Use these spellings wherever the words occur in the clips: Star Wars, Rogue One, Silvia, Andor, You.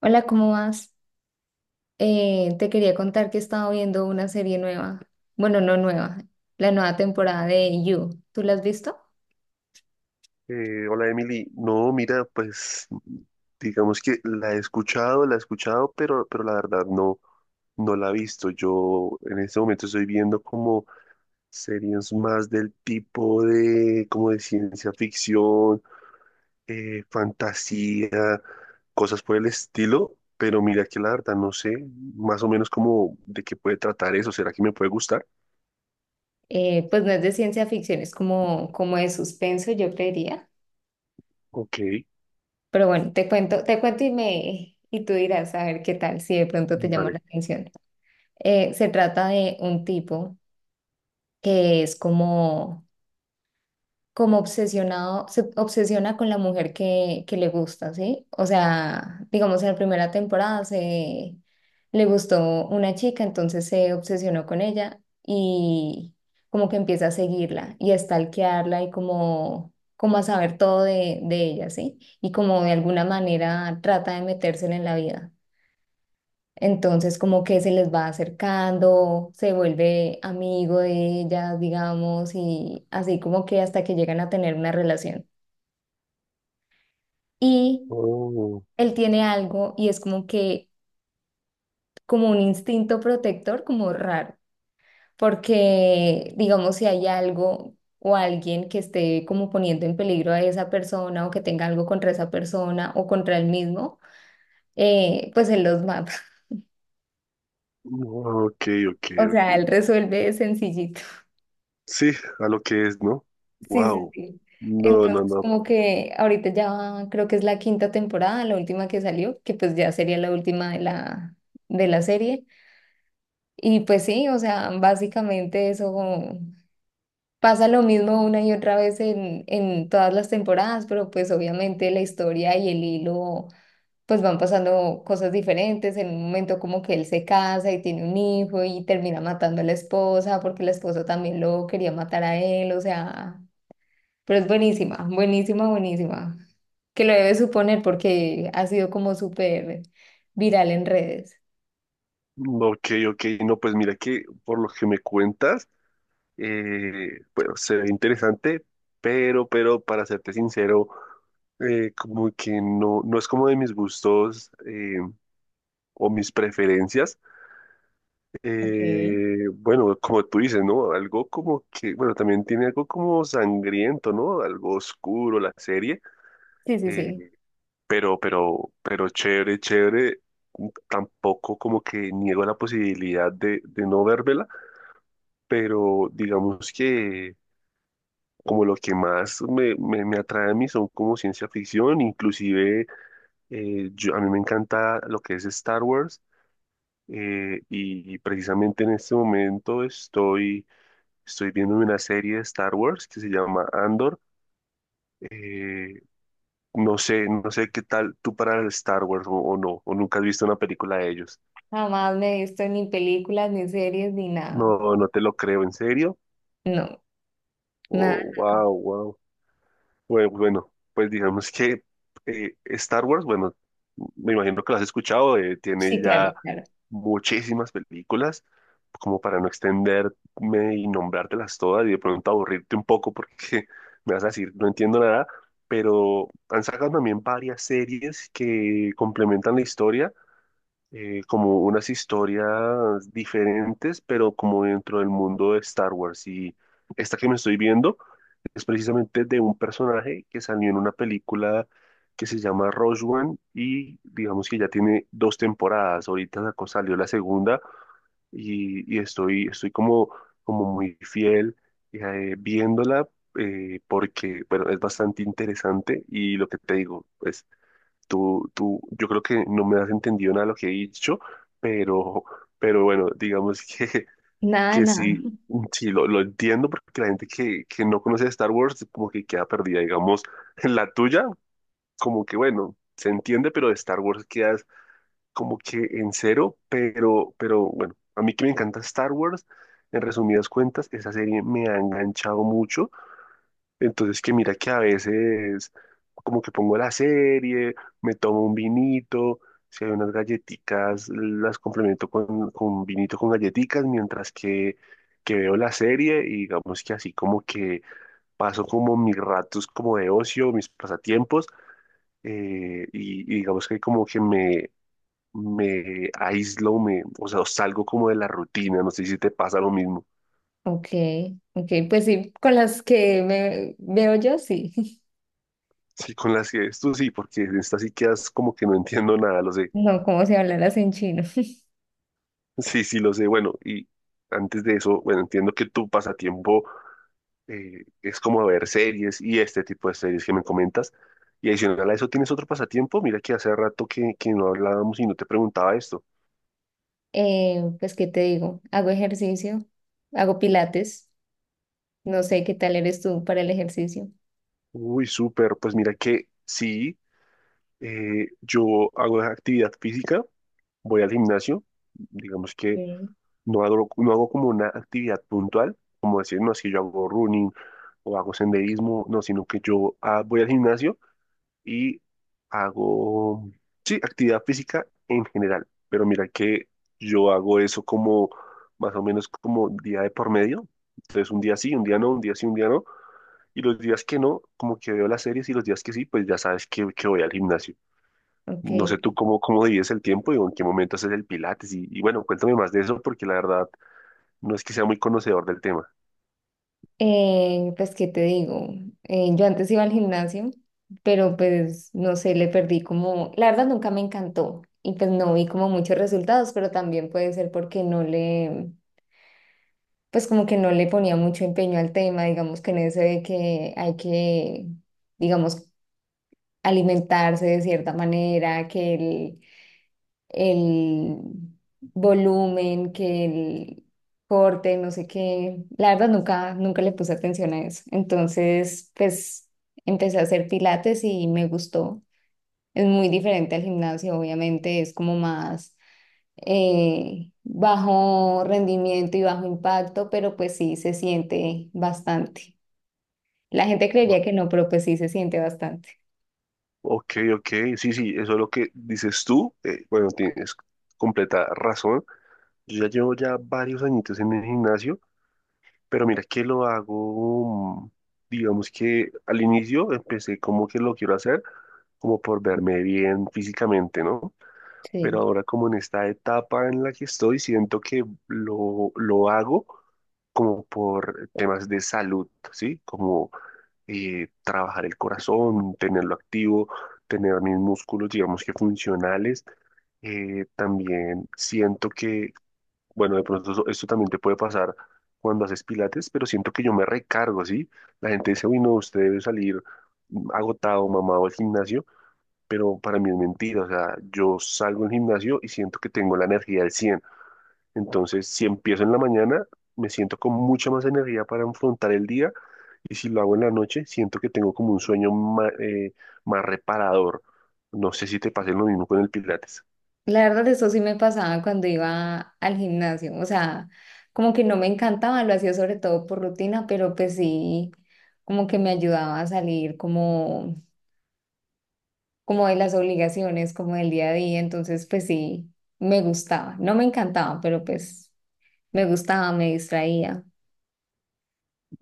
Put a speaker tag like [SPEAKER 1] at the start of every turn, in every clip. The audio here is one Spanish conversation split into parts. [SPEAKER 1] Hola, ¿cómo vas? Te quería contar que he estado viendo una serie nueva. Bueno, no nueva, la nueva temporada de You. ¿Tú la has visto?
[SPEAKER 2] Hola Emily, no, mira, pues digamos que la he escuchado, pero la verdad no la he visto. Yo en este momento estoy viendo como series más del tipo de, como de ciencia ficción, fantasía, cosas por el estilo, pero mira que la verdad no sé más o menos como de qué puede tratar eso, ¿será que me puede gustar?
[SPEAKER 1] Pues no es de ciencia ficción, es como, como de suspenso, yo creería.
[SPEAKER 2] Ok,
[SPEAKER 1] Pero bueno, te cuento y me y tú dirás a ver qué tal si de pronto te llama
[SPEAKER 2] vale.
[SPEAKER 1] la atención. Se trata de un tipo que es como obsesionado, se obsesiona con la mujer que le gusta, ¿sí? O sea, digamos, en la primera temporada se le gustó una chica, entonces se obsesionó con ella y como que empieza a seguirla y a stalkearla y como, como a saber todo de ella, ¿sí? Y como de alguna manera trata de metérsela en la vida. Entonces, como que se les va acercando, se vuelve amigo de ellas, digamos, y así como que hasta que llegan a tener una relación. Y
[SPEAKER 2] Oh,
[SPEAKER 1] él tiene algo y es como que, como un instinto protector, como raro, porque, digamos, si hay algo o alguien que esté como poniendo en peligro a esa persona o que tenga algo contra esa persona o contra él mismo, pues él los mata.
[SPEAKER 2] ok, ok,
[SPEAKER 1] O
[SPEAKER 2] ok.
[SPEAKER 1] sea, él resuelve sencillito.
[SPEAKER 2] Sí, a lo que es, ¿no?
[SPEAKER 1] Sí, sí,
[SPEAKER 2] Wow.
[SPEAKER 1] sí.
[SPEAKER 2] No, no,
[SPEAKER 1] Entonces,
[SPEAKER 2] no.
[SPEAKER 1] como que ahorita ya creo que es la quinta temporada, la última que salió, que pues ya sería la última de de la serie. Y pues sí, o sea, básicamente eso pasa lo mismo una y otra vez en todas las temporadas, pero pues obviamente la historia y el hilo, pues van pasando cosas diferentes. En un momento como que él se casa y tiene un hijo y termina matando a la esposa porque la esposa también lo quería matar a él, o sea... Pero es buenísima, buenísima, buenísima. Que lo debes suponer porque ha sido como súper viral en redes.
[SPEAKER 2] Ok, ok. No, pues mira que por lo que me cuentas, bueno, se ve interesante, pero para serte sincero, como que no, no es como de mis gustos o mis preferencias.
[SPEAKER 1] Okay.
[SPEAKER 2] Bueno, como tú dices, ¿no? Algo como que, bueno, también tiene algo como sangriento, ¿no? Algo oscuro la serie.
[SPEAKER 1] Sí, sí, sí.
[SPEAKER 2] Eh, pero chévere, chévere. Tampoco como que niego la posibilidad de no vérmela, pero digamos que como lo que más me atrae a mí son como ciencia ficción, inclusive yo, a mí me encanta lo que es Star Wars, y precisamente en este momento estoy viendo una serie de Star Wars que se llama Andor. eh, no sé, no sé qué tal tú para el Star Wars o no, o nunca has visto una película de ellos.
[SPEAKER 1] Jamás me he visto ni películas, ni series, ni nada.
[SPEAKER 2] No, no te lo creo, ¿en serio?
[SPEAKER 1] No, nada.
[SPEAKER 2] Oh, wow, wow. Bueno, bueno, pues digamos que Star Wars, bueno, me imagino que lo has escuchado, tiene
[SPEAKER 1] Sí,
[SPEAKER 2] ya
[SPEAKER 1] claro, claro.
[SPEAKER 2] muchísimas películas, como para no extenderme y nombrártelas todas y de pronto aburrirte un poco porque me vas a decir, no entiendo nada, pero han sacado también varias series que complementan la historia, como unas historias diferentes, pero como dentro del mundo de Star Wars. Y esta que me estoy viendo es precisamente de un personaje que salió en una película que se llama Rogue One y digamos que ya tiene dos temporadas. Ahorita salió la segunda y estoy como, como muy fiel, viéndola. Porque, bueno, es bastante interesante y lo que te digo, pues yo creo que no me has entendido nada de lo que he dicho, pero, pero bueno, digamos
[SPEAKER 1] Nada, de
[SPEAKER 2] que
[SPEAKER 1] nada.
[SPEAKER 2] sí, sí lo entiendo porque la gente que no conoce Star Wars como que queda perdida, digamos, en la tuya, como que bueno, se entiende, pero de Star Wars quedas como que en cero, pero bueno, a mí que me encanta Star Wars, en resumidas cuentas, esa serie me ha enganchado mucho entonces que mira que a veces como que pongo la serie, me tomo un vinito, si hay unas galletitas, las complemento con vinito con galletitas, mientras que veo la serie y digamos que así como que paso como mis ratos como de ocio, mis pasatiempos, y digamos que como que me aíslo, me, o sea, salgo como de la rutina, no sé si te pasa lo mismo.
[SPEAKER 1] Ok, ok. Pues sí, con las que me veo yo, sí.
[SPEAKER 2] Sí, con las que esto sí, porque en esta sí quedas como que no entiendo nada, lo sé.
[SPEAKER 1] No, como si hablaras en chino.
[SPEAKER 2] Sí, sí, lo sé. Bueno, y antes de eso, bueno, entiendo que tu pasatiempo es como ver series y este tipo de series que me comentas. Y adicional a eso, ¿tienes otro pasatiempo? Mira que hace rato que no hablábamos y no te preguntaba esto.
[SPEAKER 1] Pues, ¿qué te digo? Hago ejercicio, hago pilates. No sé qué tal eres tú para el ejercicio.
[SPEAKER 2] Uy, súper. Pues mira que sí, yo hago actividad física, voy al gimnasio, digamos que
[SPEAKER 1] Ok.
[SPEAKER 2] no hago, no hago como una actividad puntual, como decir, no, es que yo hago running o hago senderismo, no, sino que yo voy al gimnasio y hago, sí, actividad física en general, pero mira que yo hago eso como más o menos como día de por medio, entonces un día sí, un día no, un día sí, un día no, y los días que no, como que veo las series y los días que sí, pues ya sabes que voy al gimnasio.
[SPEAKER 1] Ok,
[SPEAKER 2] No sé tú
[SPEAKER 1] ok.
[SPEAKER 2] cómo, cómo divides el tiempo y en qué momento haces el pilates y bueno, cuéntame más de eso porque la verdad no es que sea muy conocedor del tema.
[SPEAKER 1] Pues, ¿qué te digo? Yo antes iba al gimnasio, pero pues, no sé, le perdí como, la verdad nunca me encantó y pues no vi como muchos resultados, pero también puede ser porque no pues como que no le ponía mucho empeño al tema, digamos que en eso de que hay que, digamos, alimentarse de cierta manera, que el volumen, que el corte, no sé qué. La verdad nunca, nunca le puse atención a eso. Entonces, pues empecé a hacer pilates y me gustó. Es muy diferente al gimnasio, obviamente, es como más bajo rendimiento y bajo impacto, pero pues sí se siente bastante. La gente
[SPEAKER 2] No.
[SPEAKER 1] creería que no, pero pues sí se siente bastante.
[SPEAKER 2] Ok, ok, sí, sí, eso es lo que dices tú, bueno, tienes completa razón. Yo ya llevo ya varios añitos en el gimnasio, pero mira que lo hago, digamos que al inicio empecé como que lo quiero hacer, como por verme bien físicamente, ¿no? Pero
[SPEAKER 1] Sí.
[SPEAKER 2] ahora como en esta etapa en la que estoy, siento que lo hago como por temas de salud, ¿sí? Como trabajar el corazón, tenerlo activo, tener mis músculos, digamos que funcionales, también siento que bueno, de pronto esto también te puede pasar cuando haces pilates, pero siento que yo me recargo, ¿sí? La gente dice, uy, no, usted debe salir agotado, mamado al gimnasio, pero para mí es mentira, o sea, yo salgo del gimnasio y siento que tengo la energía al 100. Entonces, si empiezo en la mañana, me siento con mucha más energía para afrontar el día y si lo hago en la noche, siento que tengo como un sueño más, reparador. No sé si te pase lo mismo con el pilates.
[SPEAKER 1] La verdad, eso sí me pasaba cuando iba al gimnasio, o sea, como que no me encantaba, lo hacía sobre todo por rutina, pero pues sí, como que me ayudaba a salir como, como de las obligaciones, como del día a día, entonces pues sí, me gustaba, no me encantaba, pero pues me gustaba, me distraía.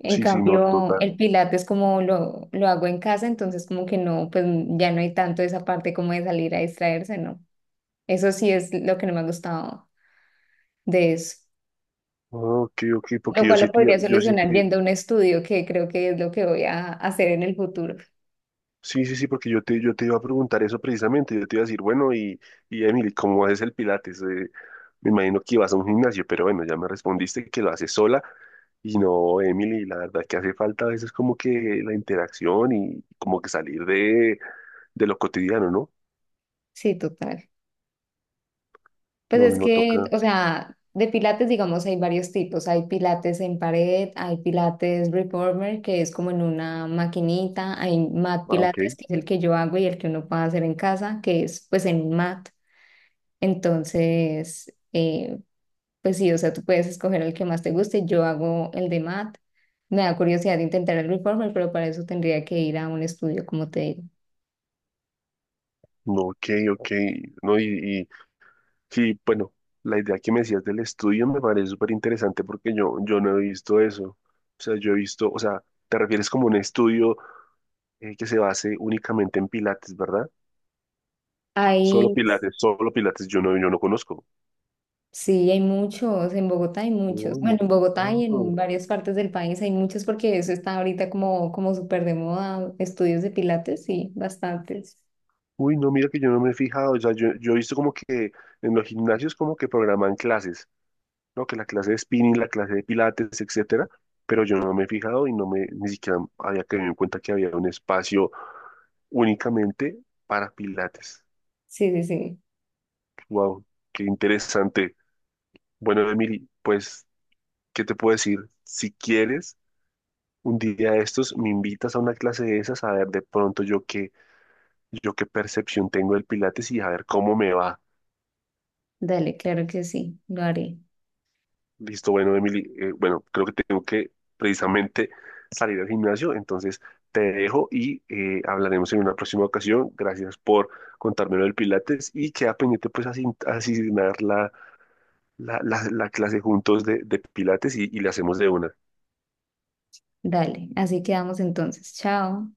[SPEAKER 1] En
[SPEAKER 2] Sí, sí, no,
[SPEAKER 1] cambio,
[SPEAKER 2] total.
[SPEAKER 1] el pilates como lo hago en casa, entonces como que no, pues ya no hay tanto esa parte como de salir a distraerse, ¿no? Eso sí es lo que no me ha gustado de eso.
[SPEAKER 2] Ok, ok,
[SPEAKER 1] Lo
[SPEAKER 2] porque yo
[SPEAKER 1] cual
[SPEAKER 2] sí,
[SPEAKER 1] lo podría
[SPEAKER 2] yo sí,
[SPEAKER 1] solucionar yendo a un estudio, que creo que es lo que voy a hacer en el futuro.
[SPEAKER 2] sí, sí, sí, porque yo te iba a preguntar eso precisamente. Yo te iba a decir, bueno, y Emily, ¿cómo haces el Pilates? Me imagino que ibas a un gimnasio, pero bueno, ya me respondiste que lo haces sola. Y no, Emily, la verdad que hace falta a veces como que la interacción y como que salir de lo cotidiano, ¿no?
[SPEAKER 1] Sí, total. Pues
[SPEAKER 2] No,
[SPEAKER 1] es
[SPEAKER 2] no
[SPEAKER 1] que,
[SPEAKER 2] toca.
[SPEAKER 1] o sea, de pilates, digamos, hay varios tipos. Hay pilates en pared, hay pilates reformer, que es como en una maquinita, hay mat
[SPEAKER 2] Ah, ok.
[SPEAKER 1] pilates, que es el que yo hago y el que uno puede hacer en casa, que es pues en un mat. Entonces, pues sí, o sea, tú puedes escoger el que más te guste. Yo hago el de mat. Me da curiosidad intentar el reformer, pero para eso tendría que ir a un estudio, como te digo.
[SPEAKER 2] No, ok, ok. No, y, bueno, la idea que me decías del estudio me parece súper interesante porque yo no he visto eso. O sea, yo he visto, o sea, ¿te refieres como un estudio? ¿Que se base únicamente en Pilates, ¿verdad?
[SPEAKER 1] Hay,
[SPEAKER 2] Solo Pilates, yo no, yo no conozco.
[SPEAKER 1] sí, hay muchos, en Bogotá hay muchos. Bueno,
[SPEAKER 2] Uy,
[SPEAKER 1] en Bogotá y en
[SPEAKER 2] no.
[SPEAKER 1] varias partes del país hay muchos porque eso está ahorita como, como súper de moda, estudios de pilates, sí, bastantes.
[SPEAKER 2] Uy, no, mira que yo no me he fijado, o sea, yo he visto como que en los gimnasios como que programan clases, ¿no? Que la clase de spinning, la clase de Pilates, etcétera, pero yo no me he fijado y no me, ni siquiera había tenido en cuenta que había un espacio únicamente para Pilates.
[SPEAKER 1] Sí, sí, sí.
[SPEAKER 2] Wow, qué interesante. Bueno, Emily, pues, ¿qué te puedo decir? Si quieres... Un día de estos me invitas a una clase de esas a ver de pronto yo qué percepción tengo del Pilates y a ver cómo me va.
[SPEAKER 1] Dale, claro que sí, lo haré.
[SPEAKER 2] Listo, bueno, Emily, bueno, creo que tengo que precisamente salir al gimnasio, entonces te dejo y hablaremos en una próxima ocasión. Gracias por contármelo del Pilates y queda pendiente pues asignar la clase juntos de Pilates y la hacemos de una.
[SPEAKER 1] Dale, así quedamos entonces. Chao.